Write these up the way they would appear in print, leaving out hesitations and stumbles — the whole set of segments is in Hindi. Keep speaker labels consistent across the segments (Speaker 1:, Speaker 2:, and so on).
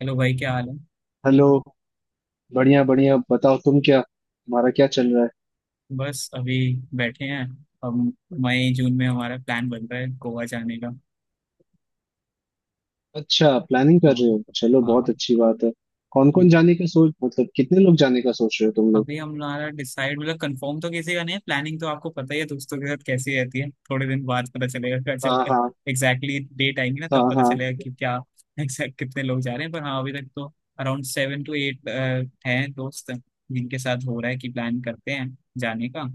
Speaker 1: हेलो भाई, क्या हाल है।
Speaker 2: हेलो। बढ़िया बढ़िया, बताओ तुम क्या, तुम्हारा क्या चल रहा है।
Speaker 1: बस अभी बैठे हैं। अब मई जून में हमारा प्लान बन रहा है गोवा जाने का।
Speaker 2: अच्छा, प्लानिंग कर
Speaker 1: हाँ,
Speaker 2: रहे हो, चलो
Speaker 1: हाँ।
Speaker 2: बहुत अच्छी बात है। कौन कौन जाने का सोच, मतलब कितने लोग जाने का सोच रहे हो तुम लोग।
Speaker 1: अभी हमारा डिसाइड मतलब कंफर्म तो किसी का नहीं है। प्लानिंग तो आपको पता ही है दोस्तों के साथ कैसी रहती है। थोड़े दिन बाद पता चलेगा कि जब
Speaker 2: हाँ, हाँ।
Speaker 1: एग्जैक्टली डेट आएंगी ना
Speaker 2: हाँ,
Speaker 1: तब पता
Speaker 2: हाँ।
Speaker 1: चलेगा कि क्या एग्जैक्ट कितने लोग जा रहे हैं। पर हाँ, अभी तक तो अराउंड 7 टू 8 हैं दोस्त जिनके साथ हो रहा है कि प्लान करते हैं जाने का।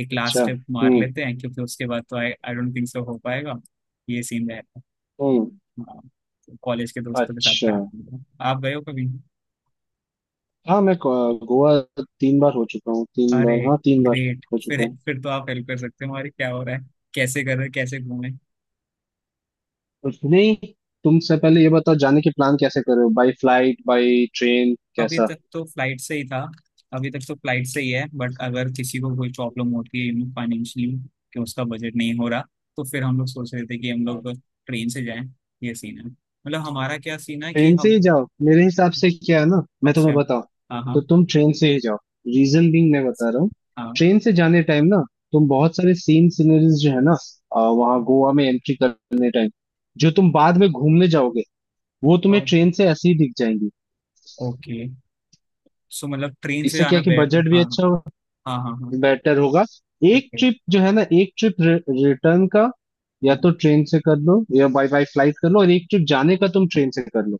Speaker 1: एक लास्ट
Speaker 2: अच्छा।
Speaker 1: स्टेप मार
Speaker 2: हम्म।
Speaker 1: लेते हैं क्योंकि उसके बाद तो I I don't think so हो पाएगा। ये सीन रहेगा,
Speaker 2: हम्म।
Speaker 1: कॉलेज के दोस्तों के साथ
Speaker 2: अच्छा।
Speaker 1: प्लान होगा। आप गए हो कभी।
Speaker 2: हाँ, मैं गोवा तीन बार हो चुका हूँ, तीन
Speaker 1: अरे
Speaker 2: बार, हाँ तीन बार
Speaker 1: ग्रेट,
Speaker 2: हो चुका
Speaker 1: फिर
Speaker 2: हूँ।
Speaker 1: फिर तो आप हेल्प कर सकते हो, हमारे क्या हो रहा है, कैसे कर रहे हैं, कैसे घूमे।
Speaker 2: कुछ नहीं, तुमसे पहले ये बताओ जाने के प्लान कैसे कर रहे हो, बाई फ्लाइट बाई ट्रेन,
Speaker 1: अभी
Speaker 2: कैसा।
Speaker 1: तक तो फ्लाइट से ही था। अभी तक तो फ्लाइट से ही है, बट अगर किसी को कोई प्रॉब्लम होती है फाइनेंशियली कि उसका बजट नहीं हो रहा, तो फिर हम लोग सोच रहे थे कि हम लोग ट्रेन से जाएं। ये सीन है, मतलब हमारा क्या सीन है कि
Speaker 2: ट्रेन से
Speaker 1: हम।
Speaker 2: ही जाओ, मेरे हिसाब से क्या है ना, मैं तुम्हें
Speaker 1: अच्छा।
Speaker 2: बताऊं,
Speaker 1: हाँ,
Speaker 2: तो
Speaker 1: हाँ,
Speaker 2: तुम ट्रेन से ही जाओ। रीजन बीइंग, मैं बता रहा हूँ,
Speaker 1: हाँ।
Speaker 2: ट्रेन से जाने टाइम ना, तुम बहुत सारे सीन, सीनरीज जो है ना, वहाँ गोवा में एंट्री करने टाइम जो तुम बाद में घूमने जाओगे, वो तुम्हें
Speaker 1: ओ,
Speaker 2: ट्रेन से ऐसे ही दिख जाएंगी।
Speaker 1: ओके। सो मतलब ट्रेन से
Speaker 2: इससे क्या
Speaker 1: आना
Speaker 2: है कि
Speaker 1: बे।
Speaker 2: बजट भी
Speaker 1: हाँ,
Speaker 2: अच्छा होगा,
Speaker 1: हाँ, हाँ, हाँ।
Speaker 2: बेटर होगा। एक
Speaker 1: ओके।
Speaker 2: ट्रिप जो है ना, एक ट्रिप रिटर्न का या तो
Speaker 1: हाँ।
Speaker 2: ट्रेन से कर लो या बाई बाई फ्लाइट कर लो, और एक ट्रिप जाने का तुम ट्रेन से कर लो,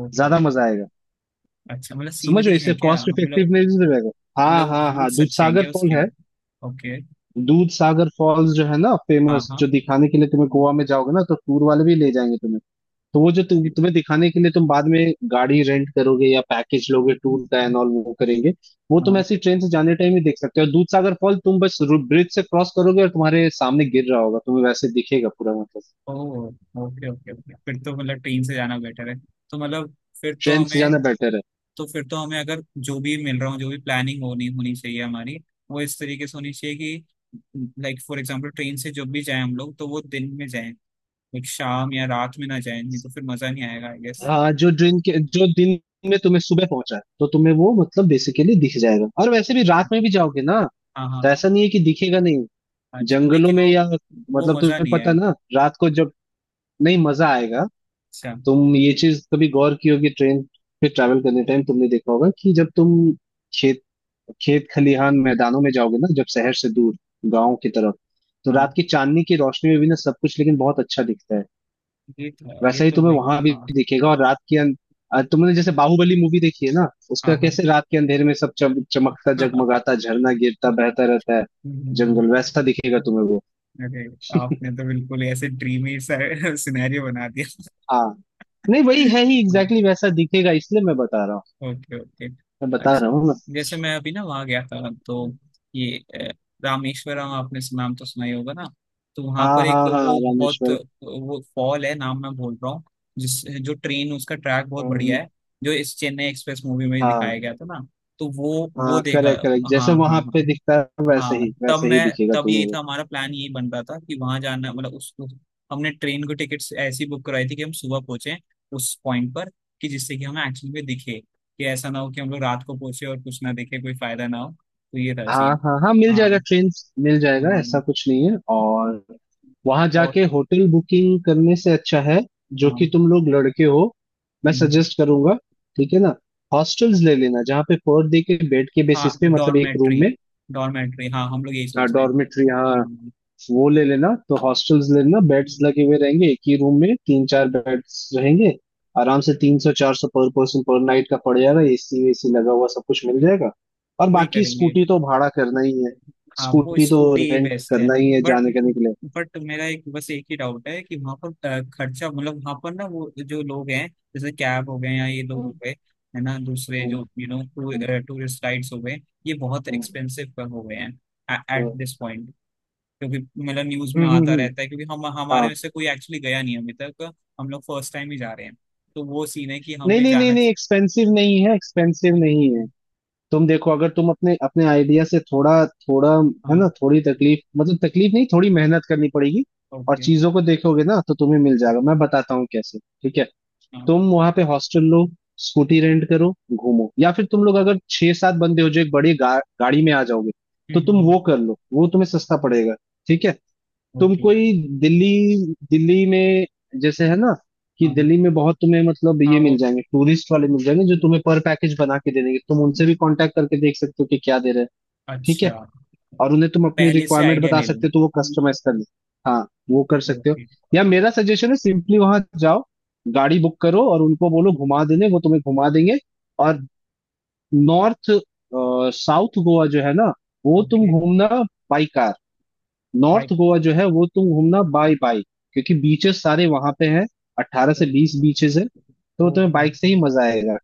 Speaker 1: ओके,
Speaker 2: ज्यादा
Speaker 1: ओके।
Speaker 2: मजा आएगा।
Speaker 1: अच्छा, मतलब
Speaker 2: समझ रहे हो,
Speaker 1: सीनरी है
Speaker 2: इससे
Speaker 1: क्या,
Speaker 2: कॉस्ट
Speaker 1: मतलब
Speaker 2: इफेक्टिवनेस भी रहेगा। हाँ
Speaker 1: मतलब
Speaker 2: हाँ हाँ,
Speaker 1: रूट्स
Speaker 2: दूध
Speaker 1: अच्छे हैं
Speaker 2: सागर
Speaker 1: क्या
Speaker 2: फॉल
Speaker 1: उसके।
Speaker 2: है।
Speaker 1: ओके।
Speaker 2: दूध सागर फॉल्स जो है ना
Speaker 1: हाँ,
Speaker 2: फेमस, जो
Speaker 1: हाँ,
Speaker 2: दिखाने के लिए तुम्हें गोवा में जाओगे ना तो टूर वाले भी ले जाएंगे तुम्हें। तो वो जो तुम्हें दिखाने के लिए तुम बाद में गाड़ी रेंट करोगे या पैकेज लोगे टूर का एंड ऑल वो करेंगे। वो तुम
Speaker 1: हाँ।
Speaker 2: ऐसी ट्रेन से जाने टाइम ही देख सकते हो। दूध सागर फॉल तुम बस ब्रिज से क्रॉस करोगे और तुम्हारे सामने गिर रहा होगा, तुम्हें वैसे दिखेगा पूरा मतलब।
Speaker 1: Oh, okay, okay, okay. फिर तो मतलब ट्रेन से जाना बेटर है। तो मतलब फिर तो
Speaker 2: ट्रेन से
Speaker 1: हमें,
Speaker 2: जाना बेटर है।
Speaker 1: अगर जो भी मिल रहा हो, जो भी प्लानिंग होनी होनी चाहिए हमारी, वो इस तरीके से होनी चाहिए कि लाइक फॉर एग्जांपल ट्रेन से जब भी जाएं हम लोग तो वो दिन में जाएं। लाइक शाम या रात में ना जाए, नहीं तो फिर मजा नहीं आएगा, आई गेस।
Speaker 2: हाँ, जो दिन के, जो दिन में तुम्हें सुबह पहुंचा है तो तुम्हें वो मतलब बेसिकली दिख जाएगा, और वैसे भी रात में भी जाओगे ना,
Speaker 1: हाँ, हाँ,
Speaker 2: तो
Speaker 1: हाँ।
Speaker 2: ऐसा नहीं है कि दिखेगा नहीं।
Speaker 1: आज
Speaker 2: जंगलों
Speaker 1: लेकिन
Speaker 2: में
Speaker 1: वो
Speaker 2: या,
Speaker 1: वो
Speaker 2: मतलब
Speaker 1: मजा
Speaker 2: तुम्हें
Speaker 1: नहीं है।
Speaker 2: पता ना रात को जब, नहीं मजा आएगा।
Speaker 1: अच्छा।
Speaker 2: तुम ये चीज कभी गौर की होगी, ट्रेन पे ट्रैवल करने टाइम तुमने देखा होगा कि जब तुम खेत, खेत खलिहान मैदानों में जाओगे ना, जब शहर से दूर गांव की तरफ, तो रात
Speaker 1: हाँ,
Speaker 2: की चांदनी की रोशनी में भी ना सब कुछ लेकिन बहुत अच्छा दिखता है।
Speaker 1: ये तो है, ये
Speaker 2: वैसा ही
Speaker 1: तो
Speaker 2: तुम्हें
Speaker 1: लाइक,
Speaker 2: वहां भी
Speaker 1: हाँ।
Speaker 2: दिखेगा। और रात के तुमने जैसे बाहुबली मूवी देखी है ना, उसका
Speaker 1: हाँ, हाँ,
Speaker 2: कैसे रात के अंधेरे में सब चमकता जगमगाता झरना गिरता बहता रहता है, जंगल वैसा दिखेगा तुम्हें वो।
Speaker 1: अरे, आपने तो बिल्कुल ही ऐसे ड्रीमी सा सिनेरियो बना
Speaker 2: हाँ, नहीं वही
Speaker 1: दिया।
Speaker 2: है ही, एग्जैक्टली exactly वैसा दिखेगा, इसलिए मैं बता रहा हूँ।
Speaker 1: Okay, okay.
Speaker 2: मैं बता रहा
Speaker 1: अच्छा।
Speaker 2: हूँ ना।
Speaker 1: जैसे मैं अभी ना वहाँ गया था, तो ये रामेश्वरम, आपने नाम तो सुना ही होगा ना। तो वहाँ
Speaker 2: हाँ
Speaker 1: पर एक
Speaker 2: हाँ हाँ,
Speaker 1: वो बहुत
Speaker 2: रामेश्वर।
Speaker 1: वो फॉल है, नाम मैं भूल रहा हूँ, जिस जो ट्रेन उसका ट्रैक बहुत
Speaker 2: हम्म।
Speaker 1: बढ़िया है, जो इस चेन्नई एक्सप्रेस मूवी में
Speaker 2: हाँ
Speaker 1: दिखाया गया था ना। तो वो
Speaker 2: हाँ,
Speaker 1: देखा।
Speaker 2: करेक्ट करेक्ट,
Speaker 1: हाँ,
Speaker 2: जैसे वहां
Speaker 1: हाँ,
Speaker 2: पे
Speaker 1: हाँ,
Speaker 2: दिखता है
Speaker 1: हाँ।
Speaker 2: वैसे ही दिखेगा
Speaker 1: तब
Speaker 2: तुम्हें
Speaker 1: यही
Speaker 2: वो।
Speaker 1: था हमारा प्लान, यही बन रहा था कि वहां जाना, मतलब हमने ट्रेन को टिकट्स ऐसी बुक करवाई थी कि हम सुबह पहुंचे उस पॉइंट पर, कि जिससे कि हमें एक्चुअली में दिखे, कि ऐसा ना हो कि हम लोग रात को पहुंचे और कुछ ना दिखे, कोई फायदा ना हो, तो ये था
Speaker 2: हाँ
Speaker 1: सीन।
Speaker 2: हाँ हाँ, मिल जाएगा
Speaker 1: हाँ,
Speaker 2: ट्रेन, मिल जाएगा, ऐसा
Speaker 1: हाँ,
Speaker 2: कुछ नहीं है। और वहां
Speaker 1: और
Speaker 2: जाके होटल बुकिंग करने से अच्छा है,
Speaker 1: हाँ,
Speaker 2: जो कि तुम लोग लड़के हो, मैं
Speaker 1: हम्म,
Speaker 2: सजेस्ट करूंगा, ठीक है ना, हॉस्टल्स ले लेना जहाँ पे पर डे के बेड के
Speaker 1: हाँ।
Speaker 2: बेसिस पे, मतलब एक रूम
Speaker 1: डॉर्मेट्री,
Speaker 2: में।
Speaker 1: डॉर्मेट्री, हाँ, हम लोग यही
Speaker 2: हाँ
Speaker 1: सोचते हैं।
Speaker 2: डॉर्मेट्री, हाँ
Speaker 1: हाँ,
Speaker 2: वो ले लेना। तो हॉस्टल्स ले लेना, बेड्स लगे हुए रहेंगे एक ही रूम में, तीन चार बेड्स रहेंगे। आराम से 300-400 पर पर्सन पर नाइट का पड़ जाएगा, एसी वेसी लगा हुआ सब कुछ मिल जाएगा। और
Speaker 1: वही
Speaker 2: बाकी
Speaker 1: करेंगे।
Speaker 2: स्कूटी तो भाड़ा करना ही है,
Speaker 1: हाँ, वो
Speaker 2: स्कूटी तो
Speaker 1: स्कूटी
Speaker 2: रेंट
Speaker 1: बेस्ट है।
Speaker 2: करना ही है
Speaker 1: बट
Speaker 2: जाने करने के लिए।
Speaker 1: बट मेरा एक, बस एक ही डाउट है कि वहां पर खर्चा, मतलब वहां पर ना वो जो लोग हैं, जैसे कैब हो गए या ये लोग
Speaker 2: हम्म।
Speaker 1: हो गए, है ना, दूसरे
Speaker 2: हम्म।
Speaker 1: जो टूरिस्ट गाइड्स हो गए, ये बहुत
Speaker 2: हम्म।
Speaker 1: एक्सपेंसिव हो गए हैं एट
Speaker 2: हम्म।
Speaker 1: This point. क्योंकि मतलब न्यूज में
Speaker 2: हम्म।
Speaker 1: आता
Speaker 2: हम्म।
Speaker 1: रहता है, क्योंकि हम हमारे
Speaker 2: हाँ।
Speaker 1: में से कोई एक्चुअली गया नहीं अभी तक। हम लोग फर्स्ट टाइम ही जा रहे हैं, तो वो सीन है कि
Speaker 2: नहीं
Speaker 1: हमें
Speaker 2: नहीं नहीं
Speaker 1: जाना
Speaker 2: नहीं,
Speaker 1: चाहिए।
Speaker 2: एक्सपेंसिव नहीं है, एक्सपेंसिव नहीं है। तुम देखो, अगर तुम अपने अपने आइडिया से थोड़ा थोड़ा, है
Speaker 1: हाँ।
Speaker 2: ना, थोड़ी तकलीफ, मतलब तकलीफ नहीं, थोड़ी मेहनत करनी पड़ेगी और
Speaker 1: ओके।
Speaker 2: चीजों को देखोगे ना तो तुम्हें मिल जाएगा, मैं बताता हूँ कैसे, ठीक है।
Speaker 1: हाँ।
Speaker 2: तुम वहां पे हॉस्टल लो, स्कूटी रेंट करो, घूमो। या फिर तुम लोग अगर छह सात बंदे हो जो एक बड़ी गाड़ी में आ जाओगे तो तुम वो कर लो, वो तुम्हें सस्ता पड़ेगा, ठीक है। तुम
Speaker 1: ओके।
Speaker 2: कोई दिल्ली, दिल्ली में जैसे है ना, कि
Speaker 1: हाँ,
Speaker 2: दिल्ली में बहुत तुम्हें मतलब
Speaker 1: हाँ,
Speaker 2: ये
Speaker 1: वो
Speaker 2: मिल जाएंगे, टूरिस्ट वाले मिल जाएंगे जो तुम्हें पर पैकेज बना के दे देंगे, तुम उनसे भी कांटेक्ट करके देख सकते हो कि क्या दे रहे हैं, ठीक है।
Speaker 1: अच्छा।
Speaker 2: और उन्हें तुम अपनी
Speaker 1: पहले से
Speaker 2: रिक्वायरमेंट
Speaker 1: आइडिया
Speaker 2: बता
Speaker 1: ले लूँ।
Speaker 2: सकते हो तो वो कस्टमाइज कर ले। हाँ वो कर सकते हो।
Speaker 1: ओके,
Speaker 2: या मेरा सजेशन है, सिंपली वहां जाओ, गाड़ी बुक करो और उनको बोलो घुमा देने, वो तुम्हें घुमा देंगे। और नॉर्थ साउथ गोवा जो है ना, वो तुम
Speaker 1: ओके,
Speaker 2: घूमना बाई, नॉर्थ
Speaker 1: वाइट,
Speaker 2: गोवा जो है वो तुम घूमना बाय बाय, क्योंकि बीचेस सारे वहां पे हैं, 18 से 20 बीचेस है, तो तुम्हें
Speaker 1: ओके,
Speaker 2: बाइक से ही मजा आएगा,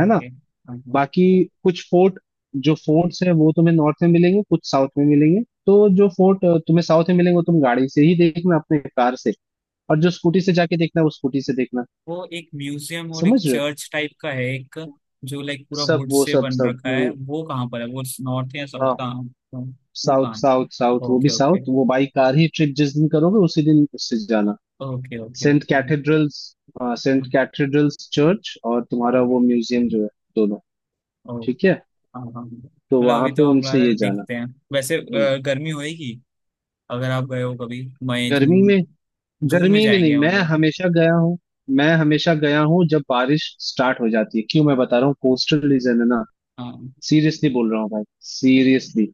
Speaker 2: है ना। बाकी कुछ फोर्ट, जो फोर्ट्स हैं वो तुम्हें नॉर्थ में मिलेंगे, कुछ साउथ में मिलेंगे। तो जो फोर्ट तुम्हें साउथ में मिलेंगे वो तुम गाड़ी से ही देखना, अपने कार से, और जो स्कूटी से जाके देखना है वो स्कूटी से देखना,
Speaker 1: वो एक म्यूजियम और एक
Speaker 2: समझ रहे हो?
Speaker 1: चर्च टाइप का है, एक जो लाइक पूरा
Speaker 2: सब
Speaker 1: वुड
Speaker 2: वो
Speaker 1: से
Speaker 2: सब,
Speaker 1: बन
Speaker 2: सब
Speaker 1: रखा है,
Speaker 2: वो,
Speaker 1: वो कहाँ पर है वो, नॉर्थ या साउथ
Speaker 2: हाँ,
Speaker 1: का। वो
Speaker 2: साउथ
Speaker 1: कहाँ है।
Speaker 2: साउथ साउथ, वो भी
Speaker 1: ओके, ओके,
Speaker 2: साउथ, वो बाई कार ही ट्रिप जिस दिन करोगे उसी दिन उससे जाना।
Speaker 1: Okay, okay,
Speaker 2: saint
Speaker 1: okay,
Speaker 2: cathedrals, हाँ सेंट कैथेड्रल्स चर्च, और तुम्हारा
Speaker 1: ओके,
Speaker 2: वो म्यूजियम जो है, दोनों,
Speaker 1: ओ,
Speaker 2: ठीक है।
Speaker 1: हाँ, हाँ।
Speaker 2: तो
Speaker 1: मतलब
Speaker 2: वहां
Speaker 1: अभी
Speaker 2: पे
Speaker 1: तो हम
Speaker 2: उनसे ये
Speaker 1: लोग
Speaker 2: जाना।
Speaker 1: देखते हैं। वैसे
Speaker 2: हम्म।
Speaker 1: गर्मी होएगी, अगर आप गए हो कभी, मई
Speaker 2: गर्मी
Speaker 1: जून,
Speaker 2: में,
Speaker 1: जून में
Speaker 2: गर्मी में
Speaker 1: जाएंगे
Speaker 2: नहीं, मैं
Speaker 1: हम लोग।
Speaker 2: हमेशा गया हूँ, मैं हमेशा गया हूँ जब बारिश स्टार्ट हो जाती है, क्यों मैं बता रहा हूँ, कोस्टल रीजन है ना,
Speaker 1: हाँ,
Speaker 2: सीरियसली बोल रहा हूँ भाई, सीरियसली।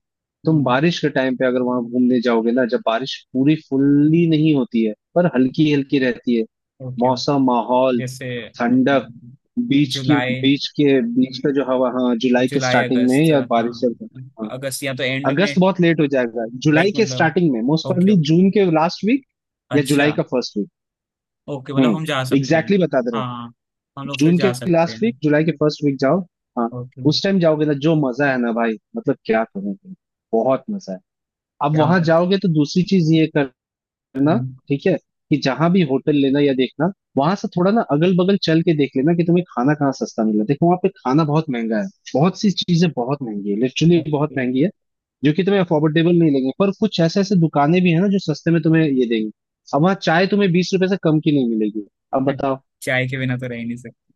Speaker 2: तुम
Speaker 1: हम्म,
Speaker 2: बारिश के टाइम पे अगर वहां घूमने जाओगे ना, जब बारिश पूरी फुल्ली नहीं होती है पर हल्की हल्की रहती है,
Speaker 1: ओके, ओके।
Speaker 2: मौसम माहौल
Speaker 1: जैसे अपना
Speaker 2: ठंडक, बीच की,
Speaker 1: जुलाई
Speaker 2: बीच के, बीच का जो हवा, हाँ। जुलाई के
Speaker 1: जुलाई
Speaker 2: स्टार्टिंग में
Speaker 1: अगस्त,
Speaker 2: या
Speaker 1: हाँ।
Speaker 2: बारिश जब, हाँ।
Speaker 1: अगस्त या तो एंड में।
Speaker 2: अगस्त बहुत लेट हो जाएगा, जुलाई
Speaker 1: लाइक
Speaker 2: के
Speaker 1: मतलब,
Speaker 2: स्टार्टिंग में मोस्ट
Speaker 1: ओके,
Speaker 2: प्रोबेबली
Speaker 1: ओके,
Speaker 2: जून के लास्ट वीक या जुलाई
Speaker 1: अच्छा,
Speaker 2: का फर्स्ट वीक।
Speaker 1: ओके, मतलब
Speaker 2: हम्म।
Speaker 1: हम जा सकते हैं।
Speaker 2: एग्जैक्टली exactly बता दे रहा
Speaker 1: हाँ,
Speaker 2: हूँ,
Speaker 1: हम लोग फिर
Speaker 2: जून के
Speaker 1: जा सकते
Speaker 2: लास्ट वीक
Speaker 1: हैं।
Speaker 2: जुलाई के फर्स्ट वीक जाओ। हाँ,
Speaker 1: ओके।
Speaker 2: उस टाइम जाओगे ना, जो मजा है ना भाई, मतलब क्या करोगे, बहुत मजा है। अब
Speaker 1: क्या,
Speaker 2: वहां जाओगे तो दूसरी चीज ये कर करना,
Speaker 1: हम्म,
Speaker 2: ठीक है, कि जहां भी होटल लेना या देखना, वहां से थोड़ा ना अगल बगल चल के देख लेना कि तुम्हें खाना कहाँ सस्ता मिला। देखो, वहां पे खाना बहुत महंगा है, बहुत सी चीजें बहुत महंगी है, लिटरली बहुत
Speaker 1: ओके।
Speaker 2: महंगी है, जो कि तुम्हें अफोर्डेबल नहीं लगेंगे, पर कुछ ऐसे ऐसे दुकानें भी है ना जो सस्ते में तुम्हें ये देंगी। अब वहाँ चाय तुम्हें 20 रुपए से कम की नहीं मिलेगी, अब बताओ।
Speaker 1: चाय के बिना तो रह ही नहीं सकते।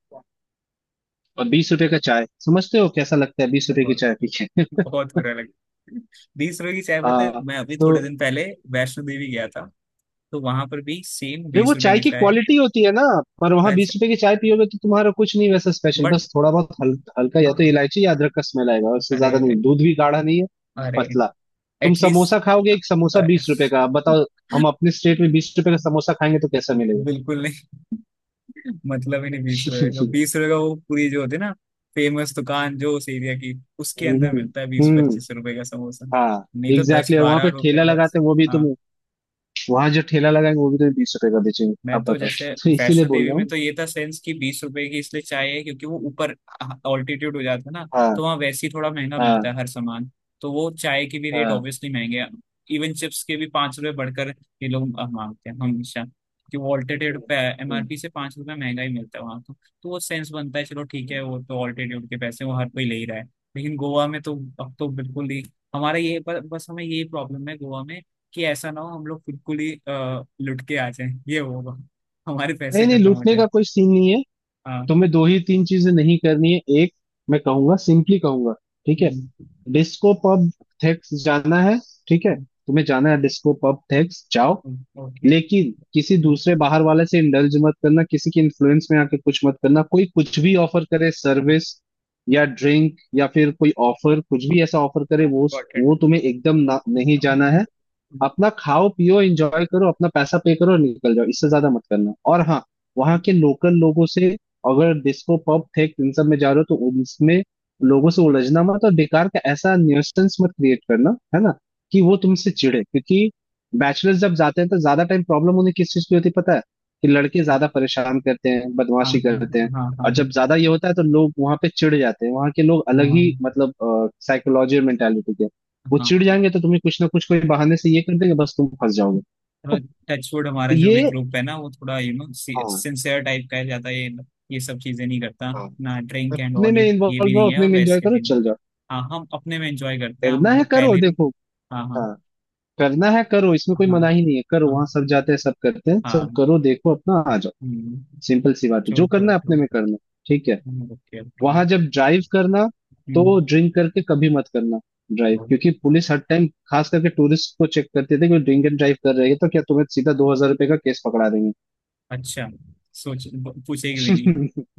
Speaker 2: और 20 रुपए का चाय, समझते हो कैसा लगता है 20 रुपए की
Speaker 1: बहुत,
Speaker 2: चाय पी के।
Speaker 1: बहुत बुरा लगा। 20 रुपए की चाय, पता है, मैं अभी थोड़े
Speaker 2: तो
Speaker 1: दिन पहले वैष्णो देवी गया था। तो वहां पर भी सेम
Speaker 2: नहीं, वो
Speaker 1: 20 रुपए
Speaker 2: चाय
Speaker 1: की
Speaker 2: की
Speaker 1: चाय
Speaker 2: क्वालिटी होती है ना, पर
Speaker 1: है।
Speaker 2: वहां बीस
Speaker 1: अच्छा।
Speaker 2: रुपए की चाय पियोगे तो तुम्हारा कुछ नहीं वैसा स्पेशल,
Speaker 1: बट,
Speaker 2: बस थोड़ा बहुत हल्का या तो इलायची या अदरक का स्मेल आएगा, उससे
Speaker 1: अरे,
Speaker 2: ज्यादा नहीं।
Speaker 1: अरे,
Speaker 2: दूध भी गाढ़ा नहीं है,
Speaker 1: अरे,
Speaker 2: पतला। तुम
Speaker 1: एटलीस्ट,
Speaker 2: समोसा खाओगे, एक समोसा 20 रुपए का, अब बताओ हम अपने स्टेट में 20 रुपए का समोसा खाएंगे तो कैसा मिलेगा।
Speaker 1: बिल्कुल नहीं। मतलब ही नहीं 20 रुपए का, वो पूरी जो होती है ना, फेमस दुकान जो उस एरिया की, उसके
Speaker 2: हम्म।
Speaker 1: अंदर मिलता है बीस
Speaker 2: हम्म।
Speaker 1: पच्चीस रुपए का समोसा।
Speaker 2: हाँ।
Speaker 1: नहीं तो दस
Speaker 2: एग्जैक्टली, और वहां
Speaker 1: बारह
Speaker 2: पे
Speaker 1: रुपए
Speaker 2: ठेला
Speaker 1: बस।
Speaker 2: लगाते हैं वो भी
Speaker 1: हाँ।
Speaker 2: तुम, वहां जो ठेला लगाएंगे वो भी तुम्हें 20 रुपए का बेचेंगे,
Speaker 1: मैं
Speaker 2: आप
Speaker 1: तो
Speaker 2: बताओ।
Speaker 1: जैसे
Speaker 2: तो इसीलिए
Speaker 1: वैष्णो
Speaker 2: बोल
Speaker 1: देवी
Speaker 2: रहा
Speaker 1: में
Speaker 2: हूँ।
Speaker 1: तो ये था सेंस कि 20 रुपए की इसलिए चाय है क्योंकि वो ऊपर ऑल्टीट्यूड हो जाता है ना,
Speaker 2: हाँ
Speaker 1: तो वहाँ वैसे ही थोड़ा महंगा मिलता
Speaker 2: हाँ
Speaker 1: है हर सामान, तो वो चाय के भी रेट
Speaker 2: हाँ।
Speaker 1: ऑब्वियसली महंगे हैं, इवन चिप्स के भी 5 रुपए बढ़कर ये लोग मांगते हैं हमेशा, कि वो ऑल्टीट्यूड
Speaker 2: हम्म।
Speaker 1: पे
Speaker 2: हम्म।
Speaker 1: एमआरपी से 5 रुपए महंगा ही मिलता है वहाँ तो। तो वो सेंस बनता है, चलो ठीक है, वो तो ऑल्टीट्यूड के पैसे वो हर कोई ले ही रहा है। लेकिन गोवा में तो अब तो बिल्कुल ही, हमारा ये, पर बस हमें ये प्रॉब्लम है गोवा में, कि ऐसा ना हो हम लोग बिल्कुल ही लुट के आ जाएं, ये होगा, हमारे पैसे
Speaker 2: नहीं नहीं,
Speaker 1: खत्म हो
Speaker 2: लूटने
Speaker 1: जाए।
Speaker 2: का कोई सीन नहीं है।
Speaker 1: हाँ।
Speaker 2: तुम्हें दो ही तीन चीजें नहीं करनी है। एक, मैं कहूंगा, सिंपली कहूंगा, ठीक है,
Speaker 1: हम्म।
Speaker 2: डिस्को पब थेक्स जाना है, ठीक है, तुम्हें जाना है, डिस्को पब थेक्स जाओ,
Speaker 1: हम्म। ओके।
Speaker 2: लेकिन किसी
Speaker 1: हाँ।
Speaker 2: दूसरे बाहर वाले से इंडल्ज मत करना, किसी के इन्फ्लुएंस में आके कुछ मत करना, कोई कुछ भी ऑफर करे, सर्विस या ड्रिंक, या फिर कोई ऑफर कुछ भी ऐसा ऑफर करे वो
Speaker 1: गॉट इट,
Speaker 2: वो तुम्हें एकदम
Speaker 1: हाँ।
Speaker 2: नहीं
Speaker 1: got
Speaker 2: जाना है। अपना खाओ पियो एंजॉय करो, अपना पैसा पे करो और निकल जाओ, इससे ज्यादा मत करना। और हाँ, वहाँ के लोकल लोगों से, अगर डिस्को पब थे इन सब में जा रहे हो तो उनमें लोगों से उलझना मत, और बेकार का ऐसा न्यूसेंस मत क्रिएट करना, है ना, कि वो तुमसे चिढ़े। क्योंकि बैचलर्स जब जाते हैं तो ज्यादा टाइम प्रॉब्लम उन्हें किस चीज की होती है पता है, कि लड़के
Speaker 1: it.
Speaker 2: ज्यादा परेशान करते हैं
Speaker 1: हाँ,
Speaker 2: बदमाशी
Speaker 1: हाँ,
Speaker 2: करते हैं।
Speaker 1: हाँ, हाँ,
Speaker 2: और जब ज्यादा ये होता है तो लोग वहां पे चिढ़ जाते हैं, वहां के लोग अलग ही
Speaker 1: हाँ,
Speaker 2: मतलब साइकोलॉजी और मेंटेलिटी के हैं। वो
Speaker 1: हाँ,
Speaker 2: चिढ़
Speaker 1: हाँ।
Speaker 2: जाएंगे तो तुम्हें कुछ ना कुछ कोई बहाने से ये कर देंगे, बस तुम फंस जाओगे।
Speaker 1: थोड़ा टचवुड, हमारा
Speaker 2: तो
Speaker 1: जो भी
Speaker 2: ये,
Speaker 1: ग्रुप है ना वो थोड़ा
Speaker 2: हाँ।
Speaker 1: सिंसियर टाइप का है, ज्यादा ये सब चीजें नहीं करता,
Speaker 2: हाँ।
Speaker 1: ना ड्रिंक एंड
Speaker 2: अपने
Speaker 1: ऑल,
Speaker 2: में
Speaker 1: ये भी
Speaker 2: इन्वॉल्व रहो,
Speaker 1: नहीं है,
Speaker 2: अपने
Speaker 1: और
Speaker 2: में एंजॉय
Speaker 1: वैसे
Speaker 2: करो,
Speaker 1: भी नहीं।
Speaker 2: चल जाओ।
Speaker 1: हाँ, हम अपने में एंजॉय करते हैं,
Speaker 2: करना
Speaker 1: हम
Speaker 2: है
Speaker 1: लोग
Speaker 2: करो
Speaker 1: पहले भी।
Speaker 2: देखो,
Speaker 1: हाँ, हाँ,
Speaker 2: हाँ। करना है करो, इसमें कोई
Speaker 1: हाँ,
Speaker 2: मनाही नहीं है, करो,
Speaker 1: हाँ,
Speaker 2: वहां सब जाते हैं सब करते हैं, सब
Speaker 1: हाँ,
Speaker 2: करो देखो, अपना आ जाओ।
Speaker 1: हम्म।
Speaker 2: सिंपल सी बात है,
Speaker 1: ट्रू,
Speaker 2: जो करना
Speaker 1: ट्रू,
Speaker 2: है अपने
Speaker 1: ट्रू।
Speaker 2: में करना, ठीक है।
Speaker 1: ओके, ओके,
Speaker 2: वहां जब ड्राइव करना तो
Speaker 1: हम्म,
Speaker 2: ड्रिंक करके कभी मत करना ड्राइव, क्योंकि पुलिस हर टाइम खास करके टूरिस्ट को चेक करते थे कि ड्रिंक एंड ड्राइव कर रहे हैं तो क्या, तुम्हें सीधा 2,000 रुपए का केस पकड़ा
Speaker 1: अच्छा। सोच पूछेगी भी
Speaker 2: देंगे।
Speaker 1: नहीं।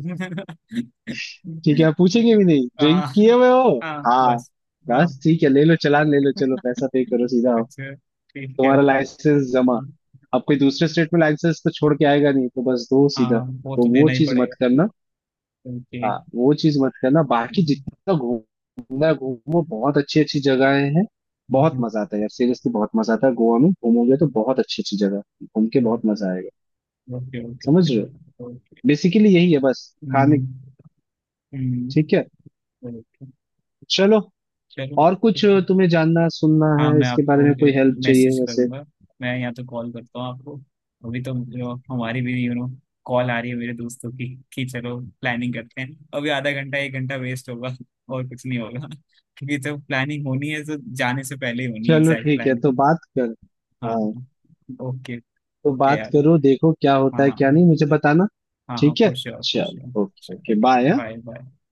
Speaker 2: ठीक है, पूछेंगे भी नहीं ड्रिंक
Speaker 1: हाँ,
Speaker 2: किए हुए हो,
Speaker 1: हाँ,
Speaker 2: हाँ
Speaker 1: बस। हाँ,
Speaker 2: बस, ठीक है, ले लो चालान, ले लो चलो, पैसा पे करो सीधा आओ।
Speaker 1: अच्छा, ठीक है।
Speaker 2: तुम्हारा लाइसेंस जमा, अब कोई दूसरे स्टेट में लाइसेंस तो छोड़ के आएगा नहीं तो बस दो सीधा।
Speaker 1: हाँ, वो
Speaker 2: तो
Speaker 1: तो
Speaker 2: वो
Speaker 1: देना ही
Speaker 2: चीज मत
Speaker 1: पड़ेगा।
Speaker 2: करना,
Speaker 1: ओके,
Speaker 2: हाँ वो चीज मत करना। बाकी जितना घूमना है, घूमो, बहुत अच्छी अच्छी जगहें हैं, बहुत मजा आता है यार, सीरियसली, बहुत मजा आता है। गोवा में घूमोगे तो बहुत अच्छी अच्छी जगह है। घूम के बहुत मजा आएगा।
Speaker 1: ओके, ओके,
Speaker 2: समझ रहे हो,
Speaker 1: ओके, ओके,
Speaker 2: बेसिकली यही है बस। खाने,
Speaker 1: हम्म, हम्म,
Speaker 2: ठीक है,
Speaker 1: ओके,
Speaker 2: चलो।
Speaker 1: चलो
Speaker 2: और
Speaker 1: ठीक
Speaker 2: कुछ
Speaker 1: है।
Speaker 2: तुम्हें जानना सुनना
Speaker 1: हाँ,
Speaker 2: है
Speaker 1: मैं
Speaker 2: इसके बारे
Speaker 1: आपको
Speaker 2: में, कोई हेल्प चाहिए
Speaker 1: मैसेज
Speaker 2: वैसे,
Speaker 1: करूंगा, मैं या तो कॉल करता हूँ आपको। अभी तो जो हमारी भी कॉल आ रही है मेरे दोस्तों की कि चलो प्लानिंग करते हैं, अभी आधा घंटा 1 घंटा वेस्ट होगा और कुछ नहीं होगा, क्योंकि जब प्लानिंग होनी है तो जाने से पहले ही होनी है
Speaker 2: चलो
Speaker 1: एग्जैक्ट
Speaker 2: ठीक है तो
Speaker 1: प्लानिंग।
Speaker 2: बात कर,
Speaker 1: हाँ,
Speaker 2: हाँ,
Speaker 1: हाँ, ओके,
Speaker 2: तो
Speaker 1: ओके
Speaker 2: बात
Speaker 1: यार।
Speaker 2: करो, देखो क्या होता
Speaker 1: हाँ,
Speaker 2: है
Speaker 1: हाँ,
Speaker 2: क्या नहीं, मुझे बताना।
Speaker 1: हाँ, हाँ,
Speaker 2: ठीक है
Speaker 1: फॉर श्योर, फॉर
Speaker 2: चलो, okay
Speaker 1: sure.
Speaker 2: Okay bye.
Speaker 1: Bye, bye.